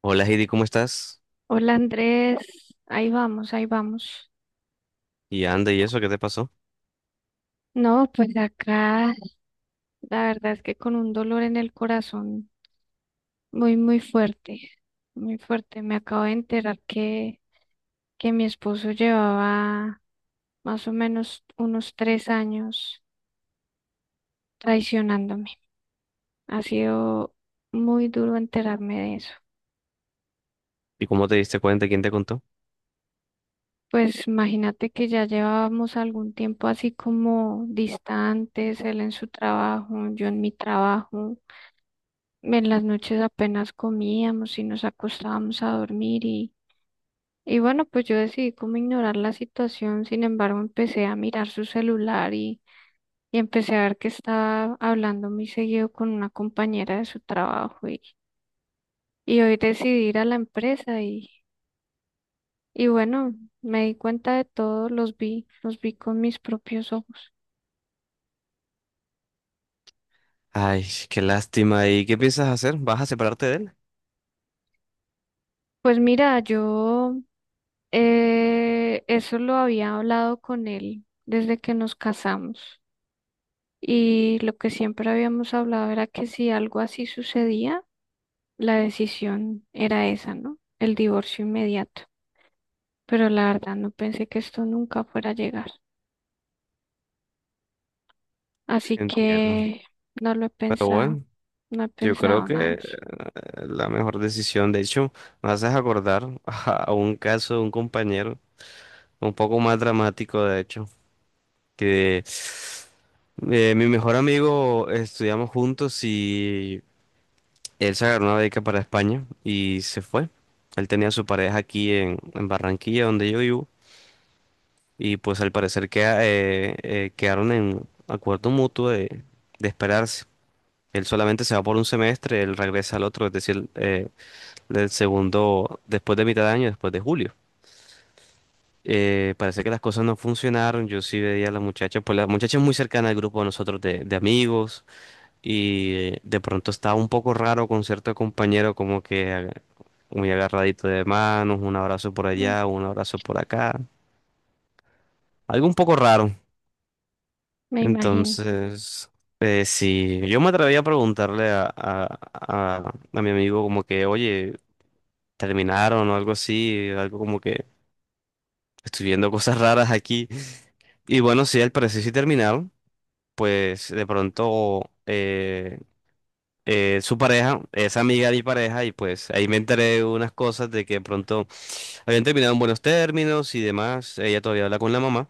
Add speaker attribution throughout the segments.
Speaker 1: Hola Heidi, ¿cómo estás?
Speaker 2: Hola Andrés, ahí vamos, ahí vamos.
Speaker 1: Y anda, ¿y eso qué te pasó?
Speaker 2: No, pues acá la verdad es que con un dolor en el corazón muy, muy fuerte, muy fuerte. Me acabo de enterar que mi esposo llevaba más o menos unos 3 años traicionándome. Ha sido muy duro enterarme de eso.
Speaker 1: ¿Y cómo te diste cuenta? ¿Quién te contó?
Speaker 2: Pues imagínate que ya llevábamos algún tiempo así como distantes, él en su trabajo, yo en mi trabajo. En las noches apenas comíamos y nos acostábamos a dormir y bueno, pues yo decidí como ignorar la situación. Sin embargo, empecé a mirar su celular y empecé a ver que estaba hablando muy seguido con una compañera de su trabajo y hoy decidí ir a la empresa y bueno, me di cuenta de todo, los vi con mis propios ojos.
Speaker 1: Ay, qué lástima. ¿Y qué piensas hacer? ¿Vas a separarte de él?
Speaker 2: Pues mira, yo eso lo había hablado con él desde que nos casamos. Y lo que siempre habíamos hablado era que si algo así sucedía, la decisión era esa, ¿no? El divorcio inmediato. Pero la verdad no pensé que esto nunca fuera a llegar. Así
Speaker 1: Entiendo.
Speaker 2: que no lo he
Speaker 1: Pero
Speaker 2: pensado,
Speaker 1: bueno,
Speaker 2: no he
Speaker 1: yo creo
Speaker 2: pensado nada de
Speaker 1: que
Speaker 2: eso.
Speaker 1: la mejor decisión, de hecho, me haces acordar a un caso de un compañero, un poco más dramático, de hecho, que mi mejor amigo estudiamos juntos y él se agarró una beca para España y se fue. Él tenía a su pareja aquí en Barranquilla, donde yo vivo. Y pues al parecer quedaron en acuerdo mutuo de esperarse. Él solamente se va por un semestre, él regresa al otro, es decir, el segundo después de mitad de año, después de julio. Parece que las cosas no funcionaron. Yo sí veía a la muchacha, pues la muchacha es muy cercana al grupo de nosotros de amigos y de pronto estaba un poco raro con cierto compañero, como que muy agarradito de manos, un abrazo por
Speaker 2: Mm.
Speaker 1: allá, un abrazo por acá. Algo un poco raro.
Speaker 2: Me imagino.
Speaker 1: Entonces, sí, yo me atreví a preguntarle a mi amigo como que, oye, terminaron o algo así, algo como que estoy viendo cosas raras aquí. Y bueno, sí, al parecer sí terminaron, pues de pronto su pareja es amiga de mi pareja y pues ahí me enteré de unas cosas de que de pronto habían terminado en buenos términos y demás, ella todavía habla con la mamá.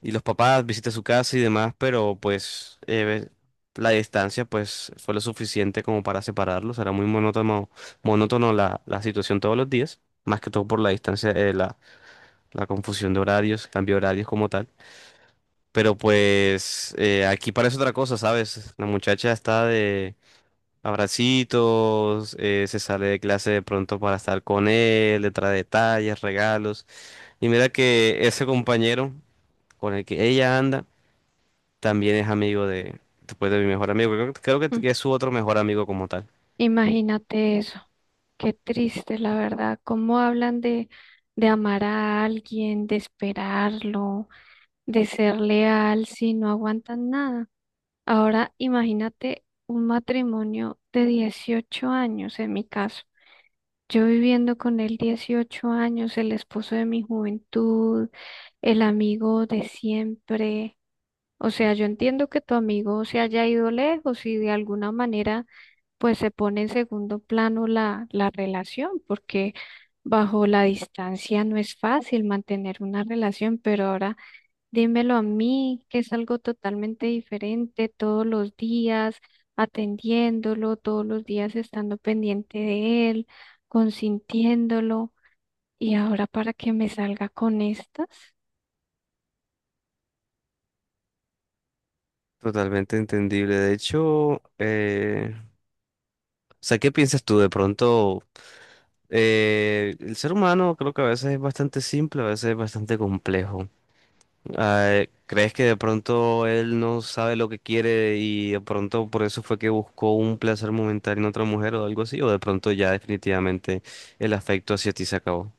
Speaker 1: Y los papás visité su casa y demás, pero pues la distancia pues fue lo suficiente como para separarlos. Era muy monótono, monótono la situación todos los días, más que todo por la distancia, la confusión de horarios, cambio de horarios como tal. Pero pues aquí parece otra cosa, ¿sabes? La muchacha está de abracitos, se sale de clase de pronto para estar con él, le trae detalles, regalos. Y mira que ese compañero con el que ella anda también es amigo de, después de mi mejor amigo. Creo, que creo que
Speaker 2: Mm.
Speaker 1: que es su otro mejor amigo como tal.
Speaker 2: Imagínate eso. Qué triste, la verdad. ¿Cómo hablan de amar a alguien, de esperarlo, de ser leal si no aguantan nada? Ahora imagínate un matrimonio de 18 años en mi caso. Yo viviendo con él 18 años, el esposo de mi juventud, el amigo de siempre. O sea, yo entiendo que tu amigo se haya ido lejos y de alguna manera pues se pone en segundo plano la relación, porque bajo la distancia no es fácil mantener una relación, pero ahora dímelo a mí, que es algo totalmente diferente todos los días, atendiéndolo, todos los días estando pendiente de él, consintiéndolo. Y ahora para que me salga con estas,
Speaker 1: Totalmente entendible. De hecho, o sea, ¿qué piensas tú? De pronto, el ser humano creo que a veces es bastante simple, a veces es bastante complejo. Ah, ¿crees que de pronto él no sabe lo que quiere y de pronto por eso fue que buscó un placer momentáneo en otra mujer o algo así? ¿O de pronto ya definitivamente el afecto hacia ti se acabó?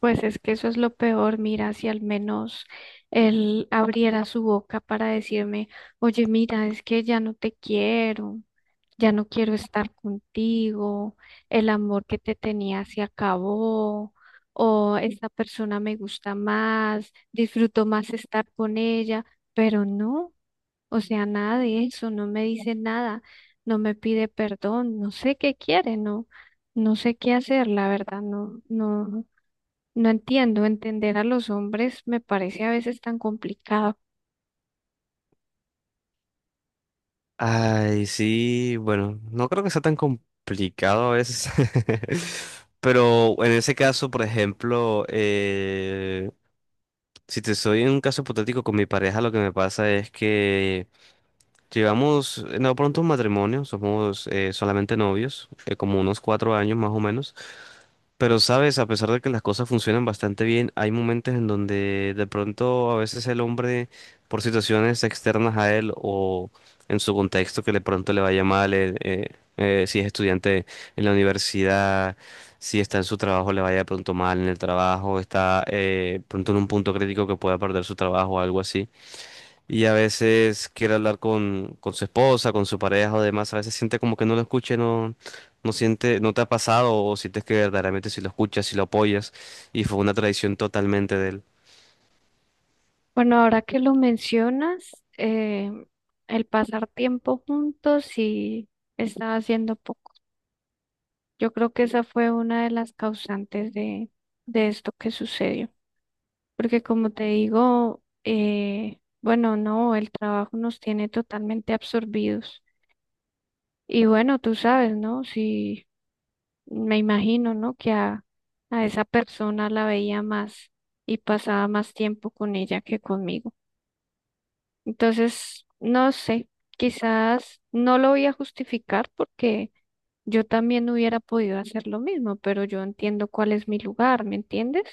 Speaker 2: pues es que eso es lo peor. Mira, si al menos él abriera su boca para decirme, oye, mira, es que ya no te quiero. Ya no quiero estar contigo, el amor que te tenía se acabó, o esta persona me gusta más, disfruto más estar con ella, pero no, o sea, nada de eso, no me dice nada, no me pide perdón, no sé qué quiere, no, no sé qué hacer, la verdad, no, no, no entiendo. Entender a los hombres me parece a veces tan complicado.
Speaker 1: Ay, sí, bueno, no creo que sea tan complicado a veces. Pero en ese caso, por ejemplo, si te soy en un caso hipotético con mi pareja, lo que me pasa es que llevamos, no pronto un matrimonio, somos solamente novios, como unos cuatro años más o menos. Pero sabes, a pesar de que las cosas funcionan bastante bien, hay momentos en donde de pronto a veces el hombre, por situaciones externas a él o en su contexto que de pronto le vaya mal, si es estudiante en la universidad, si está en su trabajo, le vaya de pronto mal en el trabajo, está pronto en un punto crítico que pueda perder su trabajo o algo así. Y a veces quiere hablar con su esposa, con su pareja o demás. A veces siente como que no lo escuche, no, no siente, no te ha pasado o sientes que verdaderamente si lo escuchas, si lo apoyas. Y fue una tradición totalmente de él.
Speaker 2: Bueno, ahora que lo mencionas, eh, el pasar tiempo juntos sí estaba haciendo poco. Yo creo que esa fue una de las causantes de esto que sucedió. Porque como te digo, bueno, no, el trabajo nos tiene totalmente absorbidos. Y bueno, tú sabes, ¿no? Si me imagino, ¿no? Que a esa persona la veía más y pasaba más tiempo con ella que conmigo. Entonces, no sé, quizás no lo voy a justificar porque yo también hubiera podido hacer lo mismo, pero yo entiendo cuál es mi lugar, ¿me entiendes?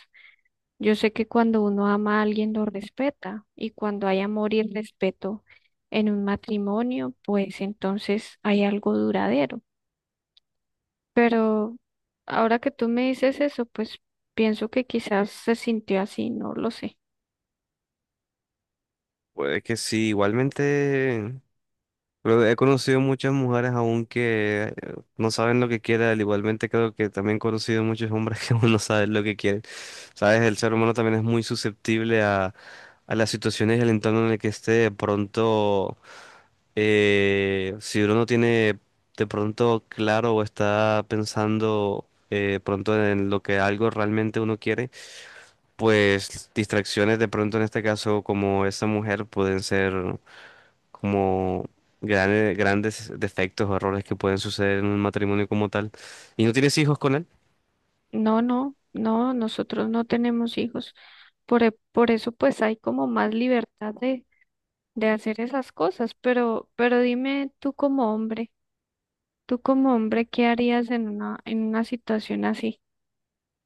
Speaker 2: Yo sé que cuando uno ama a alguien lo respeta, y cuando hay amor y respeto en un matrimonio, pues entonces hay algo duradero. Pero ahora que tú me dices eso, pues pienso que quizás se sintió así, no lo sé.
Speaker 1: Puede que sí, igualmente. Pero he conocido muchas mujeres aún que no saben lo que quieren. Igualmente creo que también he conocido muchos hombres que aún no saben lo que quieren. Sabes, el ser humano también es muy susceptible a las situaciones y al entorno en el que esté. De pronto. Si uno no tiene de pronto claro o está pensando pronto en lo que algo realmente uno quiere, pues distracciones de pronto en este caso como esa mujer pueden ser como grandes defectos o errores que pueden suceder en un matrimonio como tal. ¿Y no tienes hijos con él?
Speaker 2: No, no, no, nosotros no tenemos hijos. Por, e- por eso pues hay como más libertad de hacer esas cosas, pero dime tú como hombre, ¿qué harías en una situación así?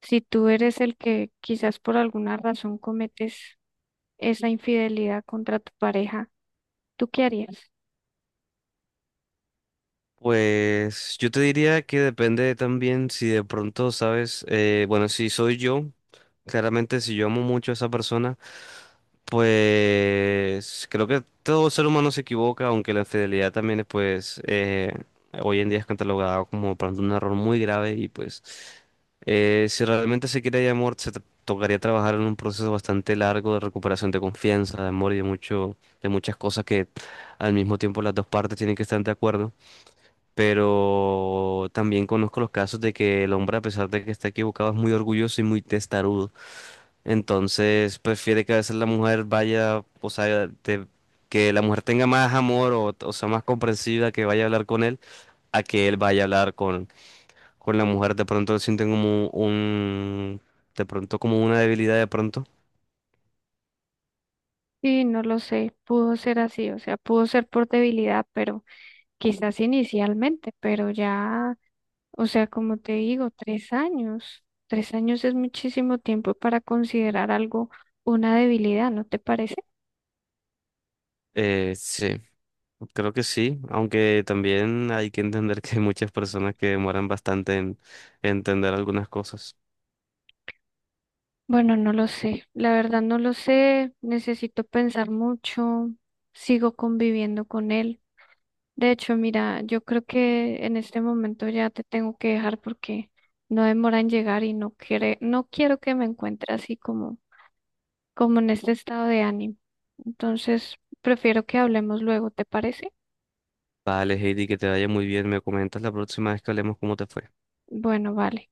Speaker 2: Si tú eres el que quizás por alguna razón cometes esa infidelidad contra tu pareja, ¿tú qué harías?
Speaker 1: Pues yo te diría que depende también si de pronto sabes, bueno, si soy yo. Claramente, si yo amo mucho a esa persona, pues creo que todo ser humano se equivoca, aunque la infidelidad también es, pues, hoy en día es catalogada como por ejemplo, un error muy grave y pues, si realmente se quiere hay amor, tocaría trabajar en un proceso bastante largo de recuperación de confianza, de amor y de mucho, de muchas cosas que al mismo tiempo las dos partes tienen que estar de acuerdo. Pero también conozco los casos de que el hombre, a pesar de que está equivocado, es muy orgulloso y muy testarudo. Entonces prefiere que a veces la mujer vaya, o sea, que la mujer tenga más amor o sea más comprensiva que vaya a hablar con él, a que él vaya a hablar con la mujer. De pronto sienten como un, de pronto como una debilidad de pronto.
Speaker 2: Sí, no lo sé, pudo ser así, o sea, pudo ser por debilidad, pero quizás inicialmente, pero ya... O sea, como te digo, 3 años. 3 años es muchísimo tiempo para considerar algo una debilidad, ¿no te parece?
Speaker 1: Sí, creo que sí, aunque también hay que entender que hay muchas personas que demoran bastante en entender algunas cosas.
Speaker 2: Bueno, no lo sé. La verdad no lo sé. Necesito pensar mucho. Sigo conviviendo con él. De hecho, mira, yo creo que en este momento ya te tengo que dejar porque no demora en llegar y no quiere, no quiero que me encuentre así como, como en este estado de ánimo. Entonces, prefiero que hablemos luego, ¿te parece?
Speaker 1: Vale, Heidi, que te vaya muy bien. Me comentas la próxima vez que hablemos cómo te fue.
Speaker 2: Bueno, vale.